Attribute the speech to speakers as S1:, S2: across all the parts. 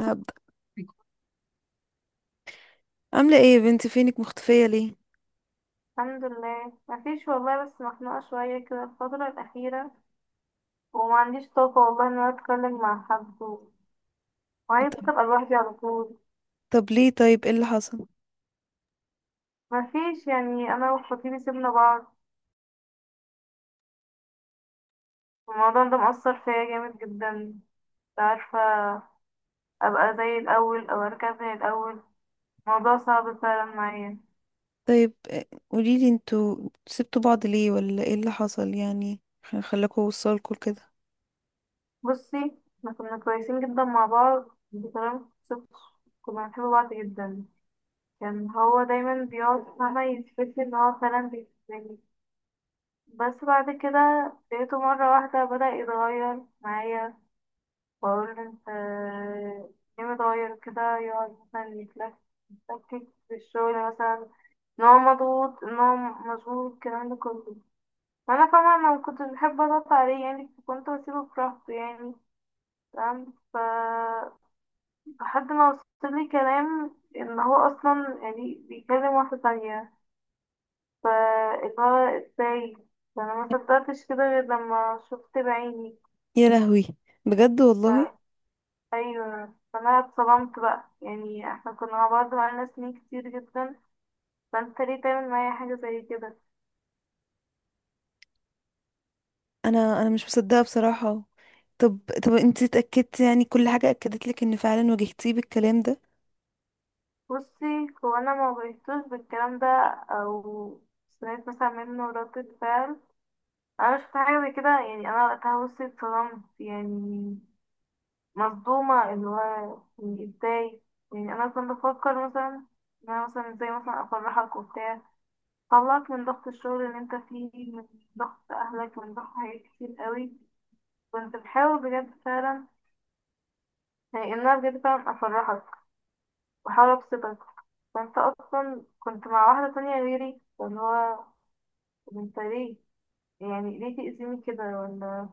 S1: هبدأ. عاملة ايه يا بنتي؟ فينك مختفية ليه؟
S2: الحمد لله، مفيش والله، بس مخنوقة شوية كده الفترة الأخيرة. وما عنديش طاقة والله إن أنا أتكلم مع حد وعايزة
S1: طب
S2: أبقى لوحدي على طول.
S1: طب ليه؟ طيب، ايه اللي حصل؟
S2: مفيش يعني. أنا وخطيبي سيبنا بعض، والموضوع ده مأثر فيا جامد جدا. مش عارفة أبقى زي الأول أو أرجع زي الأول. الموضوع صعب فعلا معايا.
S1: طيب، قوليلي، انتوا سبتوا بعض ليه ولا ايه اللي حصل يعني؟ خلاكوا وصلكوا لكده؟
S2: بصي، احنا كنا كويسين جدا مع بعض بطريقة متوصفش. كنا بنحب بعض جدا. كان هو دايما بيقعد فاهمة يثبت لي إن هو فعلا بيحبني. بس بعد كده لقيته مرة واحدة بدأ يتغير معايا. بقول له انت ليه متغير كده؟ يقعد مثلا يتلكك في الشغل مثلا، ان هو مضغوط، ان هو مشغول، الكلام ده كله. فانا طبعا انا مكنتش بحب اضغط عليه، يعني كنت بسيبه براحته يعني. تمام. لحد ما وصل لي كلام ان هو اصلا يعني بيكلم واحدة تانية. ف اللي هو ازاي؟ فانا ما صدقتش كده غير لما شفت بعيني.
S1: يا لهوي، بجد والله؟
S2: ايوه. فانا اتصدمت بقى، يعني احنا كنا مع بعض بقالنا سنين كتير جدا. فانت ليه تعمل معايا حاجه زي كده؟
S1: انا مش مصدقة بصراحة. طب طب، انتي اتأكدتي يعني؟ كل حاجة اكدت لك ان فعلا واجهتيه بالكلام ده؟
S2: بصي، هو انا ما واجهتوش بالكلام ده او سمعت مثلا منه ردة فعل. انا شفت حاجه زي كده، يعني انا وقتها بصي اتصدمت يعني، مصدومه. اللي هو يعني ازاي؟ يعني انا كنت بفكر مثلا ان انا مثلا ازاي مثلا افرحك وبتاع، طلعك من ضغط الشغل اللي انت فيه، من ضغط اهلك، من ضغط حاجات كتير قوي. كنت بحاول بجد فعلا، يعني إن أنا بجد فعلا أفرحك وأحاول أبسطك. فأنت أصلا كنت مع واحدة تانية غيري، واللي هو طب أنت ليه؟ يعني ليه تأذيني كده ولا؟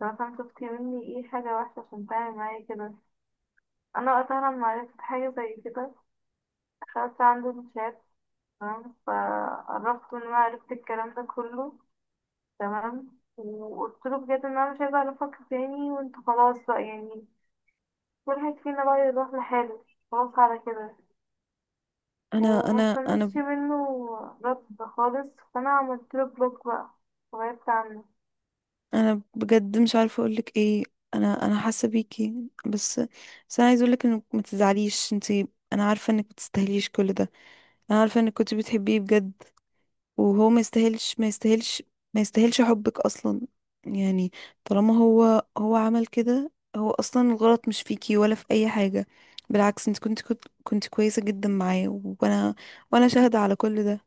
S2: طب مثلا شفت مني إيه حاجة وحشة عشان تعمل معايا كده؟ أنا وقتها لما عرفت حاجة زي كده دخلت عنده الشات، تمام، فقربت إن أنا عرفت الكلام ده كله، تمام، وقلت له بجد إن أنا مش عايزة أعرفك تاني وأنت خلاص بقى يعني. كل واحد فينا بقى يروح لحاله، خلاص على كده.
S1: انا
S2: وما
S1: انا انا
S2: استنيتش منه رد خالص، فانا عملت له بلوك بقى وغيرت عنه.
S1: انا بجد مش عارفة اقولك ايه. انا حاسة بيكي. بس بس انا عايزة اقولك انك ما تزعليش انتي. انا عارفة انك ما تستاهليش كل ده. انا عارفه انك كنت بتحبيه بجد، وهو ما يستاهلش، ما يستاهلش، ما يستاهلش حبك اصلا. يعني طالما هو عمل كده، هو اصلا الغلط مش فيكي ولا في اي حاجه، بالعكس. انت كنت كويسه جدا معاه، وانا وانا شاهده على كل ده.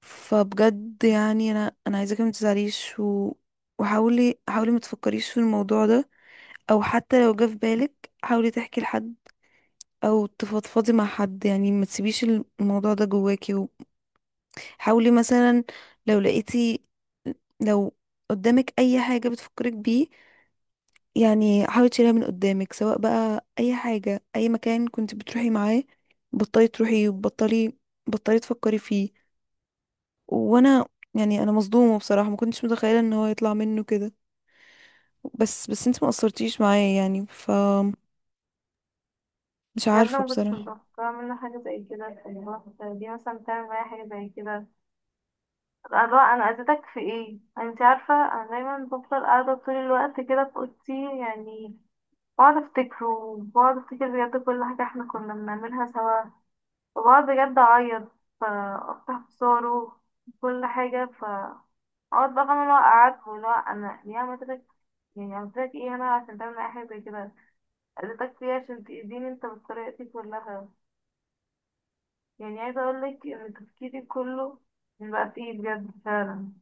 S1: فبجد يعني انا عايزاكي ما تزعليش. وحاولي، حاولي ما تفكريش في الموضوع ده، او حتى لو جه في بالك حاولي تحكي لحد او تفضفضي مع حد. يعني ما تسيبيش الموضوع ده جواكي. حاولي مثلا، لو لقيتي، لو قدامك اي حاجة بتفكرك بيه، يعني حاولي تشيلها من قدامك، سواء بقى اي حاجة، اي مكان كنت بتروحي معاه، بطلي تروحي، وبطلي تفكري فيه. وانا يعني انا مصدومة بصراحة، ما كنتش متخيلة ان هو يطلع منه كده. بس انت ما قصرتيش معايا يعني. مش
S2: بجد
S1: عارفة
S2: ما كنتش
S1: بصراحة.
S2: متوقعه منه حاجه زي كده في الوقت دي. مثلا تعمل معايا حاجه زي كده، أبقى اللي هو انا اذيتك في ايه؟ انت عارفه انا دايما بفضل قاعده طول الوقت كده في اوضتي، يعني بقعد افتكره، وبقعد افتكر بجد كل حاجه احنا كنا بنعملها سوا، وبقعد بجد اعيط، فافتح في صوره، كل حاجه. اقعد بقى فاهمة اللي هو قعدت، واللي هو انا ليه عملتك؟ يعني عملتك ايه انا عشان تعمل معايا حاجة زي كده؟ قلتك فيها عشان تأذيني انت بالطريقة دي كلها؟ يعني عايزة اقولك ان تفكيري كله من بقى فيه بجد فعلا.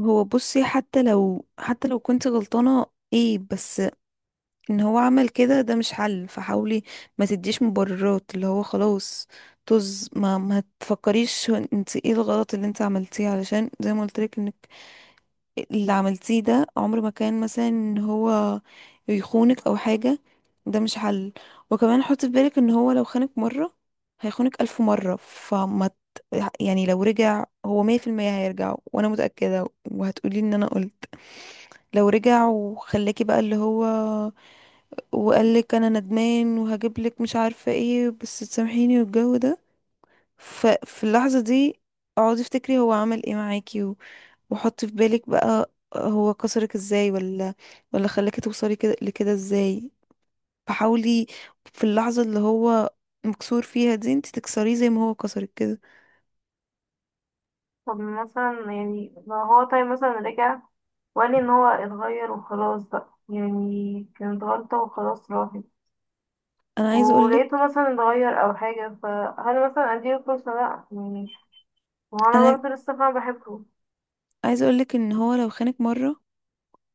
S1: هو، بصي، حتى لو كنت غلطانة ايه، بس ان هو عمل كده ده مش حل. فحاولي ما تديش مبررات. اللي هو خلاص، طز. ما تفكريش. هو انت ايه الغلط اللي انت عملتيه؟ علشان زي ما قلت لك، انك اللي عملتيه ده عمر ما كان مثلا ان هو يخونك او حاجة. ده مش حل. وكمان حطي في بالك ان هو لو خانك مرة، هيخونك ألف مرة. يعني لو رجع، هو مية في المية هيرجع، وانا متأكدة، وهتقولي ان انا قلت. لو رجع وخلاكي بقى اللي هو، وقال لك انا ندمان وهجيب لك مش عارفه ايه، بس تسامحيني والجو ده، ففي اللحظه دي اقعدي افتكري هو عمل ايه معاكي، وحطي في بالك بقى هو كسرك ازاي، ولا خلاكي توصلي كده لكده ازاي. فحاولي في اللحظه اللي هو مكسور فيها دي انت تكسريه زي ما هو كسرك كده.
S2: طب مثلا يعني لو هو طيب مثلا رجع وقال لي ان هو اتغير وخلاص بقى، يعني كانت غلطة وخلاص راحت،
S1: انا عايزه اقول لك
S2: ولقيته مثلا اتغير او حاجة، فهل مثلا اديله فرصة؟ لا يعني وأنا
S1: انا
S2: برضه لسه فاهمة بحبه.
S1: عايزه اقول لك ان هو لو خانك مره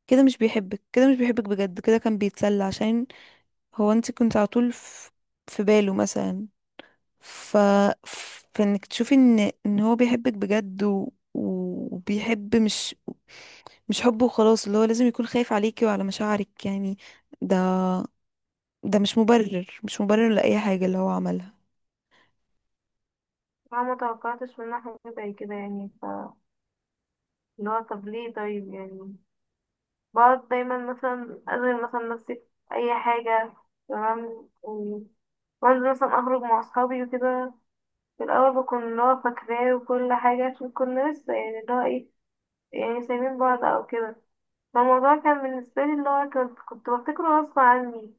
S1: كده، مش بيحبك، كده مش بيحبك بجد، كده كان بيتسلى. عشان هو، انت كنت على طول في باله مثلا. ف... فانك تشوفي ان هو بيحبك بجد، وبيحب، مش حبه وخلاص. اللي هو لازم يكون خايف عليكي وعلى مشاعرك يعني. ده ده مش مبرر، مش مبرر لأي حاجة اللي هو عملها.
S2: فاهمة متوقعتش منه حاجة زي كده يعني. اللي هو طب ليه طيب يعني؟ بقعد دايما مثلا أشغل مثلا نفسي في أي حاجة، تمام، وأنزل مثلا أخرج مع أصحابي وكده. في الأول بكون اللي هو فاكراه وكل حاجة، عشان كنا لسه يعني اللي هو إيه يعني سايبين بعض أو كده. فالموضوع كان بالنسبة لي اللي هو كنت بفتكره غصب عني.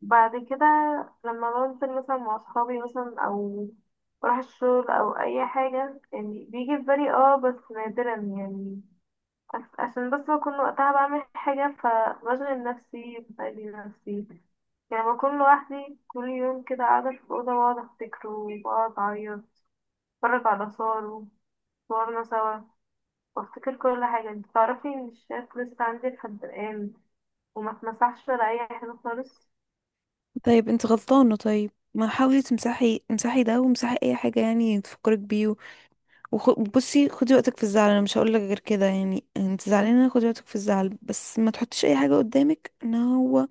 S2: بعد كده، لما بنزل مثلا مع أصحابي مثلا أو بروح الشغل أو أي حاجة يعني بيجي في بالي، بس نادرا يعني. عشان بس بكون وقتها بعمل حاجة فبشغل نفسي بأذي نفسي يعني. بكون لوحدي كل يوم كده قاعدة في الأوضة، وأقعد أفتكره، وأقعد أعيط، أتفرج على صور وصورنا سوا، وأفتكر كل حاجة. انت تعرفي إن الشات لسه عندي لحد الآن، وما اتمسحش ولا أي حاجة خالص.
S1: طيب، انت غلطانة. طيب، ما حاولي تمسحي. امسحي ده وامسحي اي حاجة يعني تفكرك بيه. بصي، خدي وقتك في الزعل. انا مش هقولك غير كده يعني. انت زعلانة، خدي وقتك في الزعل، بس ما تحطيش اي حاجة قدامك ان هو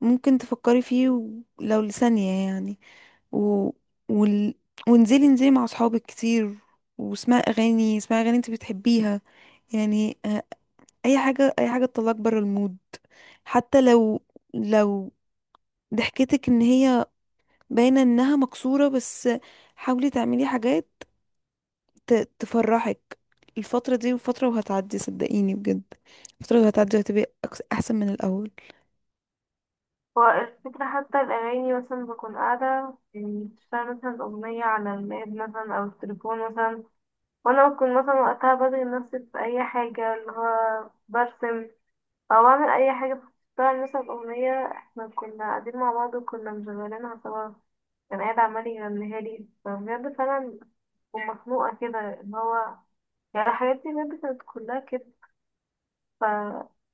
S1: ممكن تفكري فيه، ولو لثانية يعني. و... وال... وانزلي، انزلي مع اصحابك كتير. واسمعي اغاني، اسمعي اغاني انت بتحبيها. يعني، اي حاجه، اي حاجه تطلعك بره المود. حتى لو، لو ضحكتك ان هي باينه انها مكسوره، بس حاولي تعملي حاجات ت... تفرحك. الفتره دي وفتره، وهتعدي صدقيني بجد. الفتره وهتعدي، وهتبقي احسن من الاول.
S2: هو الفكرة حتى الأغاني مثلا بكون قاعدة، يعني بشتغل مثلا أغنية على اللاب مثلا أو التليفون مثلا، وأنا بكون مثلا وقتها بشغل نفسي في أي حاجة اللي هو برسم او اعمل اي حاجه، بتشتغل مثلا اغنيه احنا كنا قاعدين مع بعض وكنا مشغلينها سوا، كان قاعد عمال يغنيها لي، فبجد فعلا ومخنوقه كده اللي هو يعني. الحاجات دي بجد كانت كلها كده. ف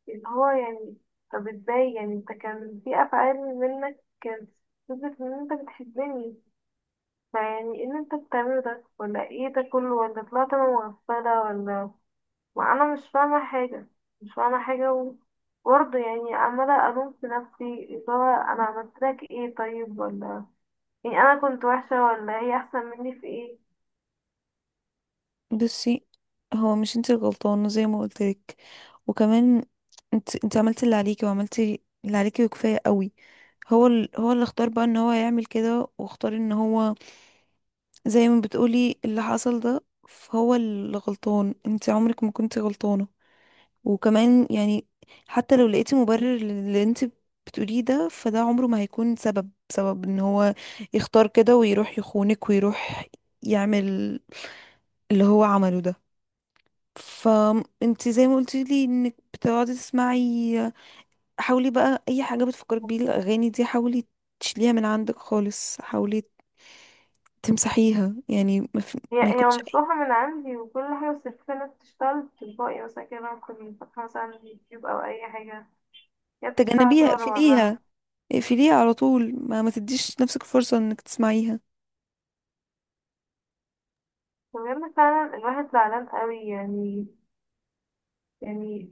S2: اللي هو يعني طب ازاي يعني؟ انت كان في افعال منك كانت تثبت ان انت بتحبني، فيعني ايه اللي انت بتعمله ده ولا ايه ده كله، ولا طلعت انا مغفله، ولا؟ ما انا مش فاهمة حاجة، مش فاهمة حاجة. وبرضه يعني عمالة الوم في نفسي، اللي هو انا عملت لك ايه طيب ولا؟ يعني انا كنت وحشة، ولا هي احسن مني في ايه؟
S1: بصي، هو مش انت الغلطانة زي ما قلتلك. وكمان انت عملتي اللي عليكي، وعملتي اللي عليكي وكفاية قوي. هو اللي اختار بقى ان هو يعمل كده، واختار ان هو زي ما بتقولي اللي حصل ده. فهو اللي غلطان، انت عمرك ما كنت غلطانة. وكمان يعني، حتى لو لقيتي مبرر للي انت بتقوليه ده، فده عمره ما هيكون سبب، ان هو يختار كده ويروح يخونك، ويروح يعمل اللي هو عمله ده. فانت زي ما قلتي لي انك بتقعدي تسمعي، حاولي بقى اي حاجه بتفكرك بيه الاغاني دي حاولي تشيليها من عندك خالص. حاولي تمسحيها يعني.
S2: هي
S1: ما
S2: هي
S1: يكونش أي-
S2: ممسوحة من عندي وكل حاجة، بس الفكرة انها بتشتغل تلقائي مثلا كده لما كنت فاتحة مثلا يوتيوب او اي حاجة، هي بتشتغل
S1: تجنبيها.
S2: طول ورا
S1: اقفليها،
S2: بعضها.
S1: اقفليها على طول. ما تديش نفسك فرصه انك تسمعيها.
S2: وبجد فعلا الواحد زعلان قوي يعني. يعني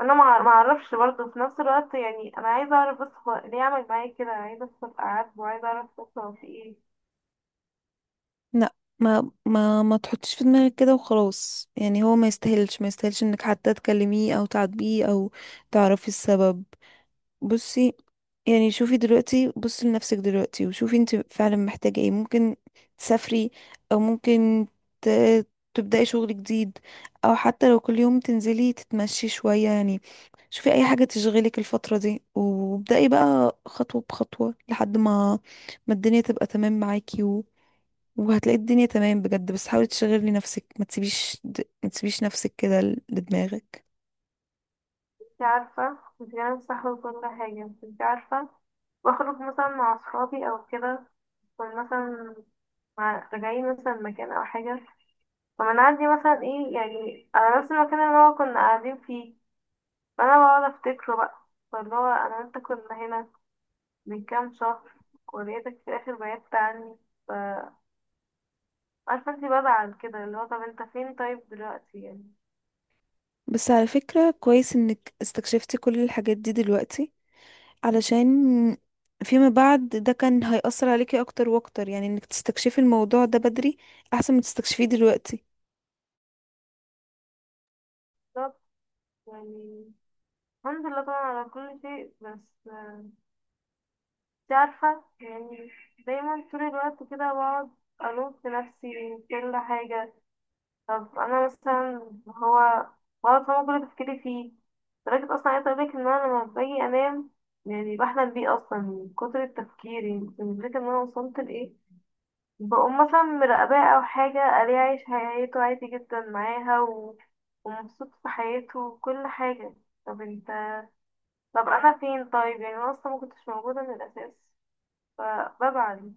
S2: انا معرفش برضه في نفس الوقت، يعني انا عايزة اعرف بس هو ليه عمل معايا كده، عايزة افهم قعد وعايزة اعرف بس هو في ايه.
S1: لا، ما تحطيش في دماغك كده وخلاص. يعني هو ما يستاهلش، ما يستاهلش انك حتى تكلميه، او تعاتبيه، او تعرفي السبب. بصي يعني، شوفي دلوقتي، بصي لنفسك دلوقتي وشوفي انت فعلا محتاجة ايه. ممكن تسافري، او ممكن ت... تبدأي شغل جديد، او حتى لو كل يوم تنزلي تتمشي شوية يعني. شوفي اي حاجة تشغلك الفترة دي، وابدأي بقى خطوة بخطوة، لحد ما الدنيا تبقى تمام معاكي. وهتلاقي الدنيا تمام بجد. بس حاولي تشغلي نفسك، ما تسيبيش نفسك كده لدماغك.
S2: انتي عارفة، مش جانب صح وكل حاجة، بس انتي عارفة بخرج مثلا مع أصحابي أو كده، كنا مثلا راجعين مثلا مكان أو حاجة، فبنعدي مثلا ايه يعني على نفس المكان اللي هو كنا قاعدين فيه، فأنا بقعد أفتكره بقى، فاللي هو أنا وأنت كنا هنا من كام شهر ولقيتك في الآخر بعدت عني. ف- عارفة انتي بزعل كده اللي هو طب انت فين طيب دلوقتي يعني؟
S1: بس على فكرة، كويس انك استكشفتي كل الحاجات دي دلوقتي، علشان فيما بعد ده كان هيأثر عليكي اكتر واكتر. يعني انك تستكشفي الموضوع ده بدري احسن ما تستكشفيه دلوقتي.
S2: بالظبط. يعني الحمد لله طبعا على كل شيء، بس انت عارفة يعني دايما طول الوقت كده بقعد ألوم في نفسي من كل حاجة. طب أنا مثلا هو بقعد فاهمة كل تفكيري فيه، لدرجة أصلا عايزة أقولك إن أنا لما باجي أنام يعني بحلم بيه أصلا من كتر التفكير، يعني أنت مش فاكرة إن أنا وصلت لإيه. بقوم مثلا مراقباه أو حاجة، ألاقيه عايش حياته عادي جدا معاها ومبسوط في حياته وكل حاجة. طب انت طب أنا فين طيب يعني؟ أنا أصلا مكنتش موجودة من الأساس، فبزعل.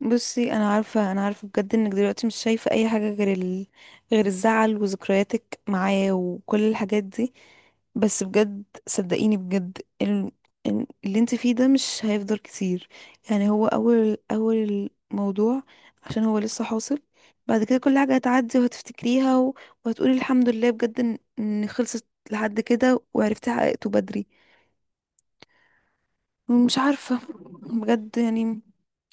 S1: بصي، انا عارفه انا عارفه بجد انك دلوقتي مش شايفه اي حاجه غير الزعل، وذكرياتك معاه، وكل الحاجات دي. بس بجد صدقيني بجد، اللي انت فيه ده مش هيفضل كتير. يعني هو اول اول الموضوع، عشان هو لسه حاصل. بعد كده كل حاجه هتعدي وهتفتكريها، وهتقولي الحمد لله بجد ان خلصت لحد كده، وعرفتي حققته بدري. مش عارفة، بجد يعني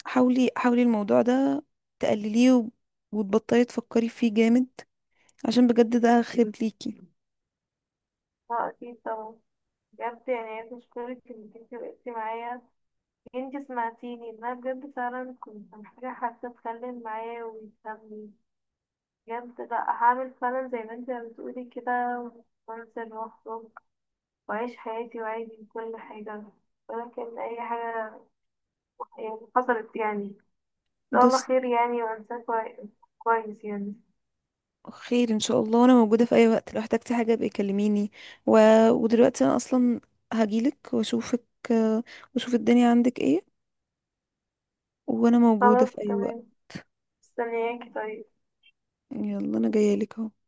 S1: حاولي، حاولي الموضوع ده تقلليه، وتبطلي تفكري فيه جامد، عشان بجد ده خير ليكي.
S2: اه، اكيد طبعا. بجد يعني عايزة اشكرك انك انتي وقفتي معايا، انتي سمعتيني، إن انا بجد فعلا كنت محتاجة حد اتكلم معاه ويفهمني. بجد لا، هعمل فعلا زي ما انتي بتقولي كده، وانزل واخرج واعيش حياتي وعادي كل حاجة. ولكن اي حاجة يعني حصلت، يعني ان شاء الله
S1: بس،
S2: خير يعني، وانساه كويس يعني.
S1: خير ان شاء الله. وانا موجودة في اي وقت، لو احتجتي حاجة ابقي كلميني. و... ودلوقتي انا اصلا هجيلك واشوفك، آه، واشوف الدنيا عندك ايه. وانا موجودة
S2: خلاص،
S1: في اي وقت.
S2: تمام. مستنياكي، طيب.
S1: يلا، انا جاية لك اهو.